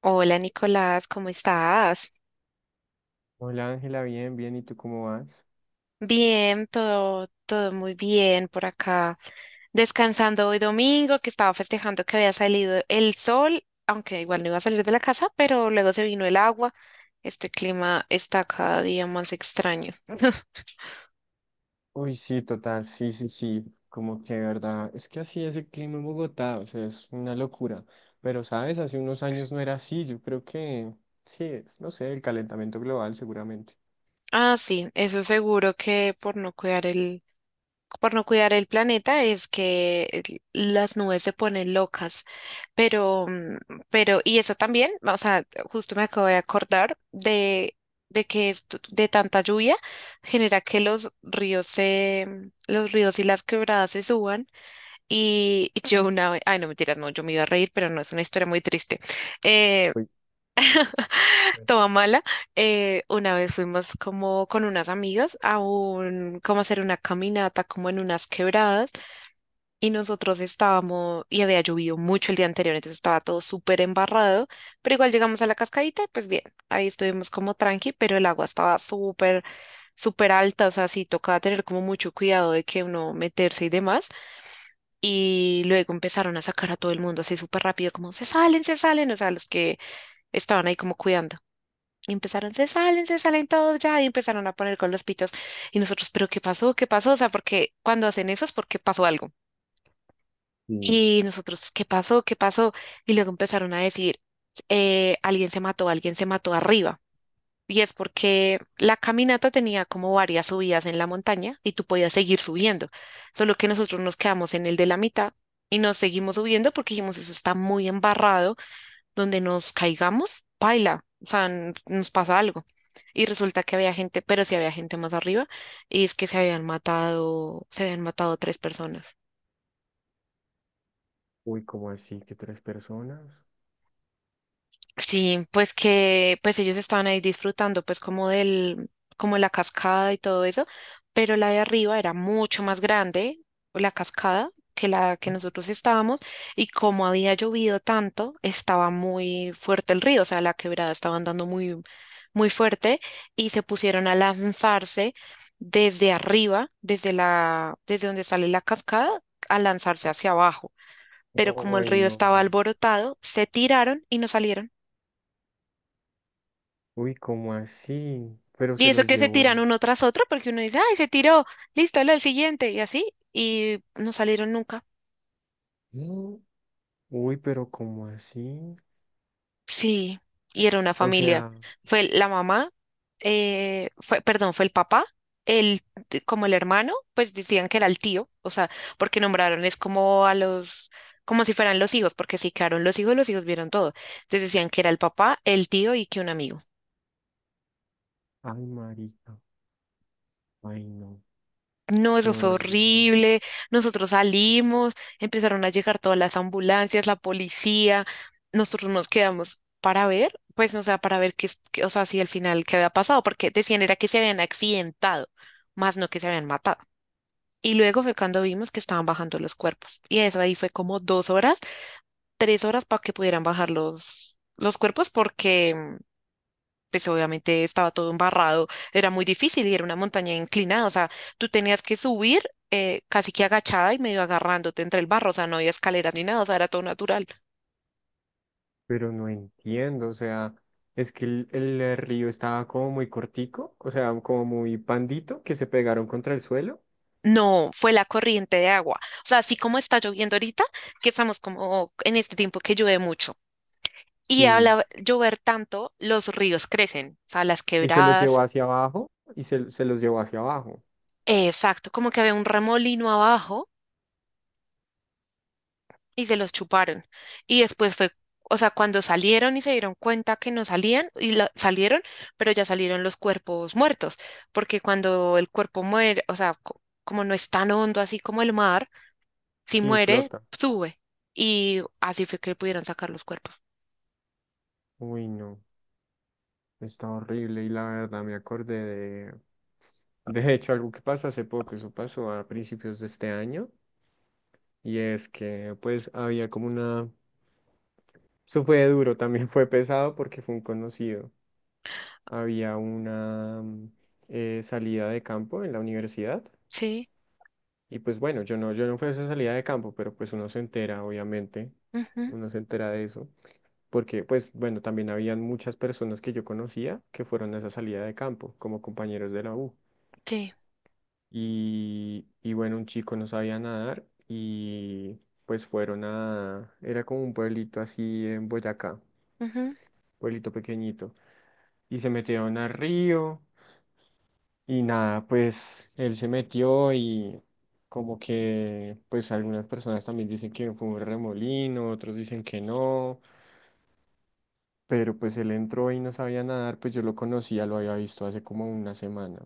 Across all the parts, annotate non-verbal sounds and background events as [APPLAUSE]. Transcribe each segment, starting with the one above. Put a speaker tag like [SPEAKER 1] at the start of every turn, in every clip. [SPEAKER 1] Hola Nicolás, ¿cómo estás?
[SPEAKER 2] Hola Ángela, bien, bien, ¿y tú cómo vas?
[SPEAKER 1] Bien, todo, todo muy bien por acá. Descansando hoy domingo, que estaba festejando que había salido el sol, aunque igual no iba a salir de la casa, pero luego se vino el agua. Este clima está cada día más extraño. [LAUGHS]
[SPEAKER 2] Uy, sí, total, sí, sí, sí, como que de verdad, es que así es el clima en Bogotá, o sea, es una locura, pero sabes, hace unos años no era así, yo creo que sí es, no sé, el calentamiento global seguramente.
[SPEAKER 1] Ah, sí, eso seguro que por no cuidar el, por no cuidar el planeta es que las nubes se ponen locas. Pero, mm, pero, y eso también, o sea, justo me acabo de acordar de que de tanta lluvia genera que los ríos y las quebradas se suban. Y yo una vez, ay no mentiras, no, yo me iba a reír, pero no, es una historia muy triste, eh,
[SPEAKER 2] Uy,
[SPEAKER 1] [LAUGHS]
[SPEAKER 2] cuenta,
[SPEAKER 1] toda mala. Una vez fuimos como con unas amigas como a hacer una caminata como en unas quebradas, y había llovido mucho el día anterior, entonces estaba todo súper embarrado, pero igual llegamos a la cascadita, y pues bien, ahí estuvimos como tranqui, pero el agua estaba súper, súper alta, o sea, sí tocaba tener como mucho cuidado de que uno meterse y demás. Y luego empezaron a sacar a todo el mundo así súper rápido, como se salen, o sea, los que estaban ahí como cuidando. Y empezaron, se salen todos ya, y empezaron a poner con los pitos. Y nosotros, pero ¿qué pasó? ¿Qué pasó? O sea, porque cuando hacen eso es porque pasó algo.
[SPEAKER 2] sí.
[SPEAKER 1] Y nosotros, ¿qué pasó? ¿Qué pasó? Y luego empezaron a decir, alguien se mató arriba. Y es porque la caminata tenía como varias subidas en la montaña y tú podías seguir subiendo. Solo que nosotros nos quedamos en el de la mitad y nos seguimos subiendo porque dijimos, eso está muy embarrado, donde nos caigamos, paila, o sea, nos pasa algo. Y resulta que había gente, pero sí había gente más arriba, y es que se habían matado tres personas.
[SPEAKER 2] Uy, ¿cómo así? ¿Que tres personas?
[SPEAKER 1] Sí, pues que pues ellos estaban ahí disfrutando pues como del como la cascada y todo eso, pero la de arriba era mucho más grande, la cascada que la que
[SPEAKER 2] ¿Eh?
[SPEAKER 1] nosotros estábamos, y como había llovido tanto, estaba muy fuerte el río, o sea, la quebrada estaba andando muy muy fuerte, y se pusieron a lanzarse desde arriba, desde donde sale la cascada, a lanzarse hacia abajo, pero como el
[SPEAKER 2] Uy,
[SPEAKER 1] río
[SPEAKER 2] no,
[SPEAKER 1] estaba
[SPEAKER 2] marica.
[SPEAKER 1] alborotado, se tiraron y no salieron.
[SPEAKER 2] Uy, ¿cómo así? Pero
[SPEAKER 1] Y
[SPEAKER 2] se
[SPEAKER 1] eso
[SPEAKER 2] los
[SPEAKER 1] que se
[SPEAKER 2] llevó
[SPEAKER 1] tiran
[SPEAKER 2] él.
[SPEAKER 1] uno tras otro, porque uno dice, ay, se tiró, listo, lo el siguiente, y así, y no salieron nunca.
[SPEAKER 2] ¿Eh? Uy, pero ¿cómo así?
[SPEAKER 1] Sí, y era una
[SPEAKER 2] O
[SPEAKER 1] familia.
[SPEAKER 2] sea,
[SPEAKER 1] Fue la mamá, fue, perdón, fue el papá, el, como el hermano, pues decían que era el tío, o sea, porque nombraron es como como si fueran los hijos, porque si quedaron los hijos vieron todo. Entonces decían que era el papá, el tío y que un amigo.
[SPEAKER 2] ay, marica, ay, no,
[SPEAKER 1] No,
[SPEAKER 2] qué
[SPEAKER 1] eso fue
[SPEAKER 2] horrible.
[SPEAKER 1] horrible. Nosotros salimos, empezaron a llegar todas las ambulancias, la policía. Nosotros nos quedamos para ver, pues, o sea, para ver qué, o sea, si al final qué había pasado, porque decían era que se habían accidentado, más no que se habían matado. Y luego fue cuando vimos que estaban bajando los cuerpos. Y eso ahí fue como 2 horas, 3 horas para que pudieran bajar los cuerpos, porque pues obviamente estaba todo embarrado, era muy difícil y era una montaña inclinada, o sea, tú tenías que subir casi que agachada y medio agarrándote entre el barro, o sea, no había escaleras ni nada, o sea, era todo natural.
[SPEAKER 2] Pero no entiendo, o sea, es que el río estaba como muy cortico, o sea, como muy pandito, que se pegaron contra el suelo.
[SPEAKER 1] No, fue la corriente de agua, o sea, así como está lloviendo ahorita, que estamos como en este tiempo que llueve mucho. Y
[SPEAKER 2] Sí,
[SPEAKER 1] al llover tanto, los ríos crecen, o sea, las
[SPEAKER 2] y se los llevó
[SPEAKER 1] quebradas,
[SPEAKER 2] hacia abajo, y se los llevó hacia abajo,
[SPEAKER 1] exacto, como que había un remolino abajo y se los chuparon. Y después fue, o sea, cuando salieron y se dieron cuenta que no salían, y salieron, pero ya salieron los cuerpos muertos, porque cuando el cuerpo muere, o sea, como no es tan hondo así como el mar, si
[SPEAKER 2] y
[SPEAKER 1] muere,
[SPEAKER 2] flota.
[SPEAKER 1] sube. Y así fue que pudieron sacar los cuerpos.
[SPEAKER 2] Uy, no, está horrible, y la verdad me acordé de hecho, algo que pasó hace poco. Eso pasó a principios de este año, y es que, pues, había como una, eso fue duro, también fue pesado porque fue un conocido. Había una salida de campo en la universidad.
[SPEAKER 1] Sí,
[SPEAKER 2] Y pues bueno, yo no fui a esa salida de campo, pero pues uno se entera, obviamente,
[SPEAKER 1] ujú,
[SPEAKER 2] uno se entera de eso, porque pues bueno, también habían muchas personas que yo conocía que fueron a esa salida de campo como compañeros de la U.
[SPEAKER 1] sí.
[SPEAKER 2] Y bueno, un chico no sabía nadar y pues fueron a, era como un pueblito así en Boyacá,
[SPEAKER 1] Ujú.
[SPEAKER 2] pueblito pequeñito, y se metieron al río. Y nada, pues él se metió y como que pues algunas personas también dicen que fue un remolino, otros dicen que no, pero pues él entró y no sabía nadar, pues yo lo conocía, lo había visto hace como una semana.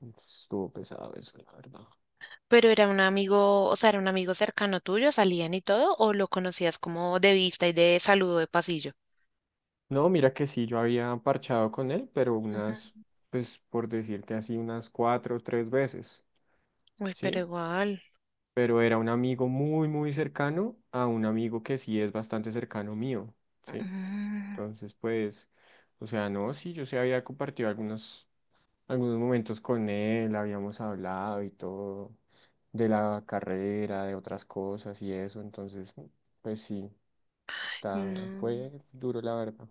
[SPEAKER 2] Entonces, estuvo pesado eso, la verdad.
[SPEAKER 1] Pero era un amigo, o sea, era un amigo cercano tuyo, salían y todo, o lo conocías como de vista y de saludo de pasillo.
[SPEAKER 2] No, mira que sí, yo había parchado con él, pero
[SPEAKER 1] Ujú.
[SPEAKER 2] unas, pues por decirte así, unas cuatro o tres veces,
[SPEAKER 1] Uy, pero
[SPEAKER 2] ¿sí?
[SPEAKER 1] igual.
[SPEAKER 2] Pero era un amigo muy, muy cercano a un amigo que sí es bastante cercano mío, ¿sí?
[SPEAKER 1] Mm.
[SPEAKER 2] Entonces, pues, o sea, no, sí, yo sí había compartido algunos, algunos momentos con él, habíamos hablado y todo, de la carrera, de otras cosas y eso, entonces, pues sí, está,
[SPEAKER 1] No.
[SPEAKER 2] fue duro la verdad.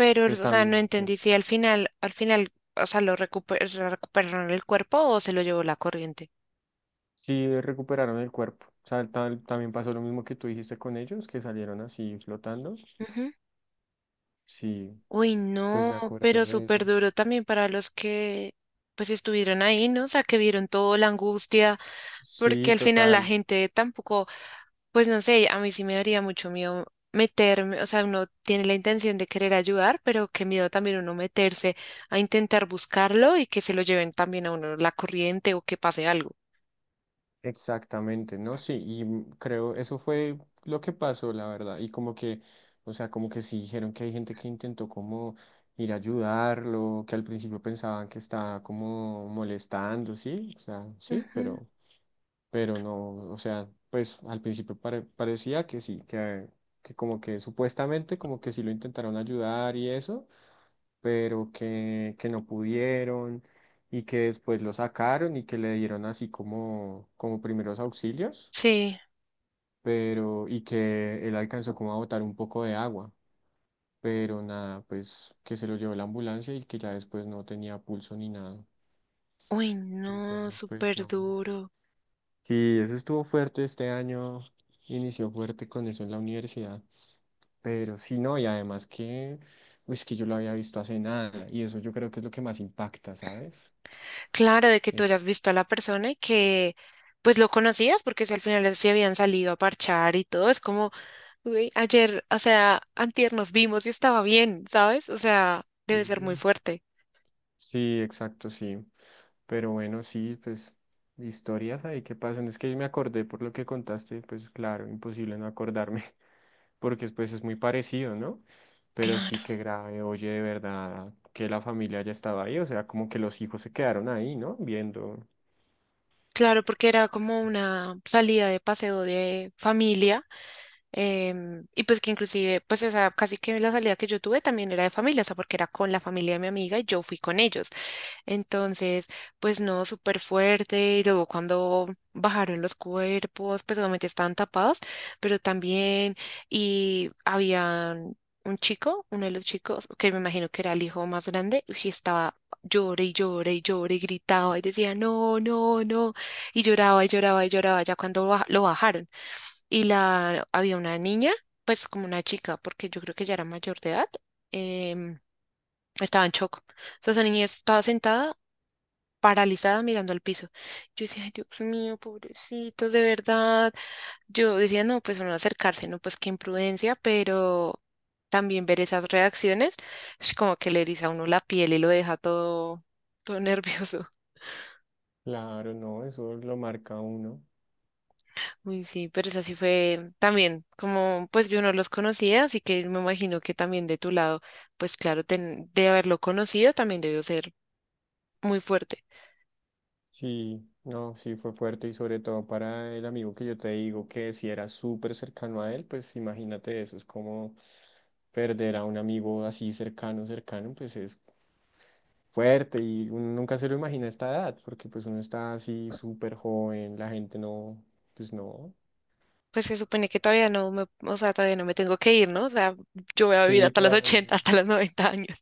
[SPEAKER 1] Pero,
[SPEAKER 2] Pues
[SPEAKER 1] o sea, no
[SPEAKER 2] también, es
[SPEAKER 1] entendí
[SPEAKER 2] eso.
[SPEAKER 1] si al final, al final, o sea, recuperaron el cuerpo o se lo llevó la corriente.
[SPEAKER 2] Sí, recuperaron el cuerpo. O sea, también pasó lo mismo que tú dijiste con ellos, que salieron así flotando.
[SPEAKER 1] Ujú.
[SPEAKER 2] Sí,
[SPEAKER 1] Uy,
[SPEAKER 2] pues
[SPEAKER 1] no,
[SPEAKER 2] me acordé
[SPEAKER 1] pero
[SPEAKER 2] de eso.
[SPEAKER 1] súper duro también para los que pues estuvieron ahí, ¿no? O sea, que vieron toda la angustia, porque
[SPEAKER 2] Sí,
[SPEAKER 1] al final la
[SPEAKER 2] total.
[SPEAKER 1] gente tampoco, pues no sé, a mí sí me daría mucho miedo meterme, o sea, uno tiene la intención de querer ayudar, pero qué miedo también uno meterse a intentar buscarlo y que se lo lleven también a uno la corriente o que pase algo.
[SPEAKER 2] Exactamente, ¿no? Sí, y creo eso fue lo que pasó, la verdad. Y como que, o sea, como que sí dijeron que hay gente que intentó como ir a ayudarlo, que al principio pensaban que estaba como molestando, sí, o sea, sí,
[SPEAKER 1] Ujú.
[SPEAKER 2] pero no, o sea, pues al principio parecía que sí, que como que supuestamente como que sí lo intentaron ayudar y eso, pero que no pudieron y que después lo sacaron y que le dieron así como, como primeros auxilios,
[SPEAKER 1] Sí.
[SPEAKER 2] pero y que él alcanzó como a botar un poco de agua, pero nada, pues que se lo llevó la ambulancia y que ya después no tenía pulso ni nada.
[SPEAKER 1] Uy, no,
[SPEAKER 2] Entonces, pues
[SPEAKER 1] súper
[SPEAKER 2] no.
[SPEAKER 1] duro.
[SPEAKER 2] Sí, eso estuvo fuerte este año, inició fuerte con eso en la universidad, pero sí, no, y además que, pues que yo lo había visto hace nada, y eso yo creo que es lo que más impacta, ¿sabes?
[SPEAKER 1] Claro, de que tú
[SPEAKER 2] Eso.
[SPEAKER 1] hayas visto a la persona y que pues lo conocías porque si al final se habían salido a parchar y todo, es como, uy, ayer, o sea, antier nos vimos y estaba bien, ¿sabes? O sea, debe ser muy
[SPEAKER 2] Sí,
[SPEAKER 1] fuerte.
[SPEAKER 2] sí, exacto, sí, pero bueno, sí, pues historias ahí que pasan, es que me acordé por lo que contaste, pues claro, imposible no acordarme. Porque pues es muy parecido, ¿no? Pero
[SPEAKER 1] Claro.
[SPEAKER 2] sí que grave, oye, de verdad, que la familia ya estaba ahí, o sea, como que los hijos se quedaron ahí, ¿no? Viendo.
[SPEAKER 1] Claro, porque era como una salida de paseo de familia. Y pues que inclusive, pues esa casi que la salida que yo tuve también era de familia, o sea, porque era con la familia de mi amiga y yo fui con ellos. Entonces, pues no, súper fuerte. Y luego cuando bajaron los cuerpos, pues obviamente estaban tapados, pero también, y había un chico, uno de los chicos, que me imagino que era el hijo más grande, y estaba llore y llore y llore y gritaba y decía, no, no, no. Y lloraba y lloraba y lloraba ya cuando lo bajaron. Y había una niña, pues como una chica, porque yo creo que ya era mayor de edad, em, estaba en shock. Entonces la niña estaba sentada paralizada mirando al piso. Yo decía, "Ay, Dios mío, pobrecitos, de verdad". Yo decía, no, pues no acercarse, no, pues qué imprudencia, pero también ver esas reacciones es como que le eriza a uno la piel y lo deja todo, todo [LAUGHS] nervioso.
[SPEAKER 2] Claro, no, eso lo marca a uno.
[SPEAKER 1] Uy, sí, pero esa sí fue también, como pues yo no los conocía, así que me imagino que también de tu lado, pues claro, de haberlo conocido también debió ser muy fuerte.
[SPEAKER 2] Sí, no, sí fue fuerte y sobre todo para el amigo que yo te digo que si era súper cercano a él, pues imagínate eso, es como perder a un amigo así cercano, cercano, pues es fuerte y uno nunca se lo imagina a esta edad, porque pues uno está así súper joven, la gente no, pues no,
[SPEAKER 1] Pues se supone que todavía no me, o sea, todavía no me tengo que ir, ¿no? O sea, yo voy a vivir
[SPEAKER 2] sí,
[SPEAKER 1] hasta los
[SPEAKER 2] todavía.
[SPEAKER 1] 80, hasta los 90 años.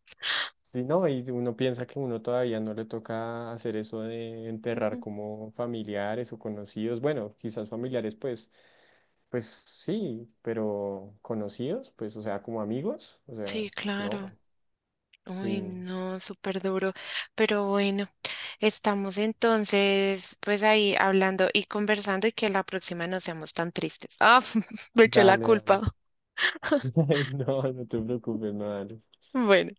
[SPEAKER 2] Sí, no, y uno piensa que uno todavía no le toca hacer eso de enterrar
[SPEAKER 1] Ujú.
[SPEAKER 2] como familiares o conocidos. Bueno, quizás familiares, pues, pues sí, pero conocidos, pues, o sea, como amigos, o sea,
[SPEAKER 1] Sí, claro.
[SPEAKER 2] no,
[SPEAKER 1] Uy,
[SPEAKER 2] sí,
[SPEAKER 1] no, súper duro. Pero bueno, estamos entonces, pues ahí hablando y conversando y que la próxima no seamos tan tristes. Ah, [LAUGHS] me eché la
[SPEAKER 2] dale, dale.
[SPEAKER 1] culpa. [LAUGHS]
[SPEAKER 2] [LAUGHS] No, no te preocupes, no, dale.
[SPEAKER 1] Bueno.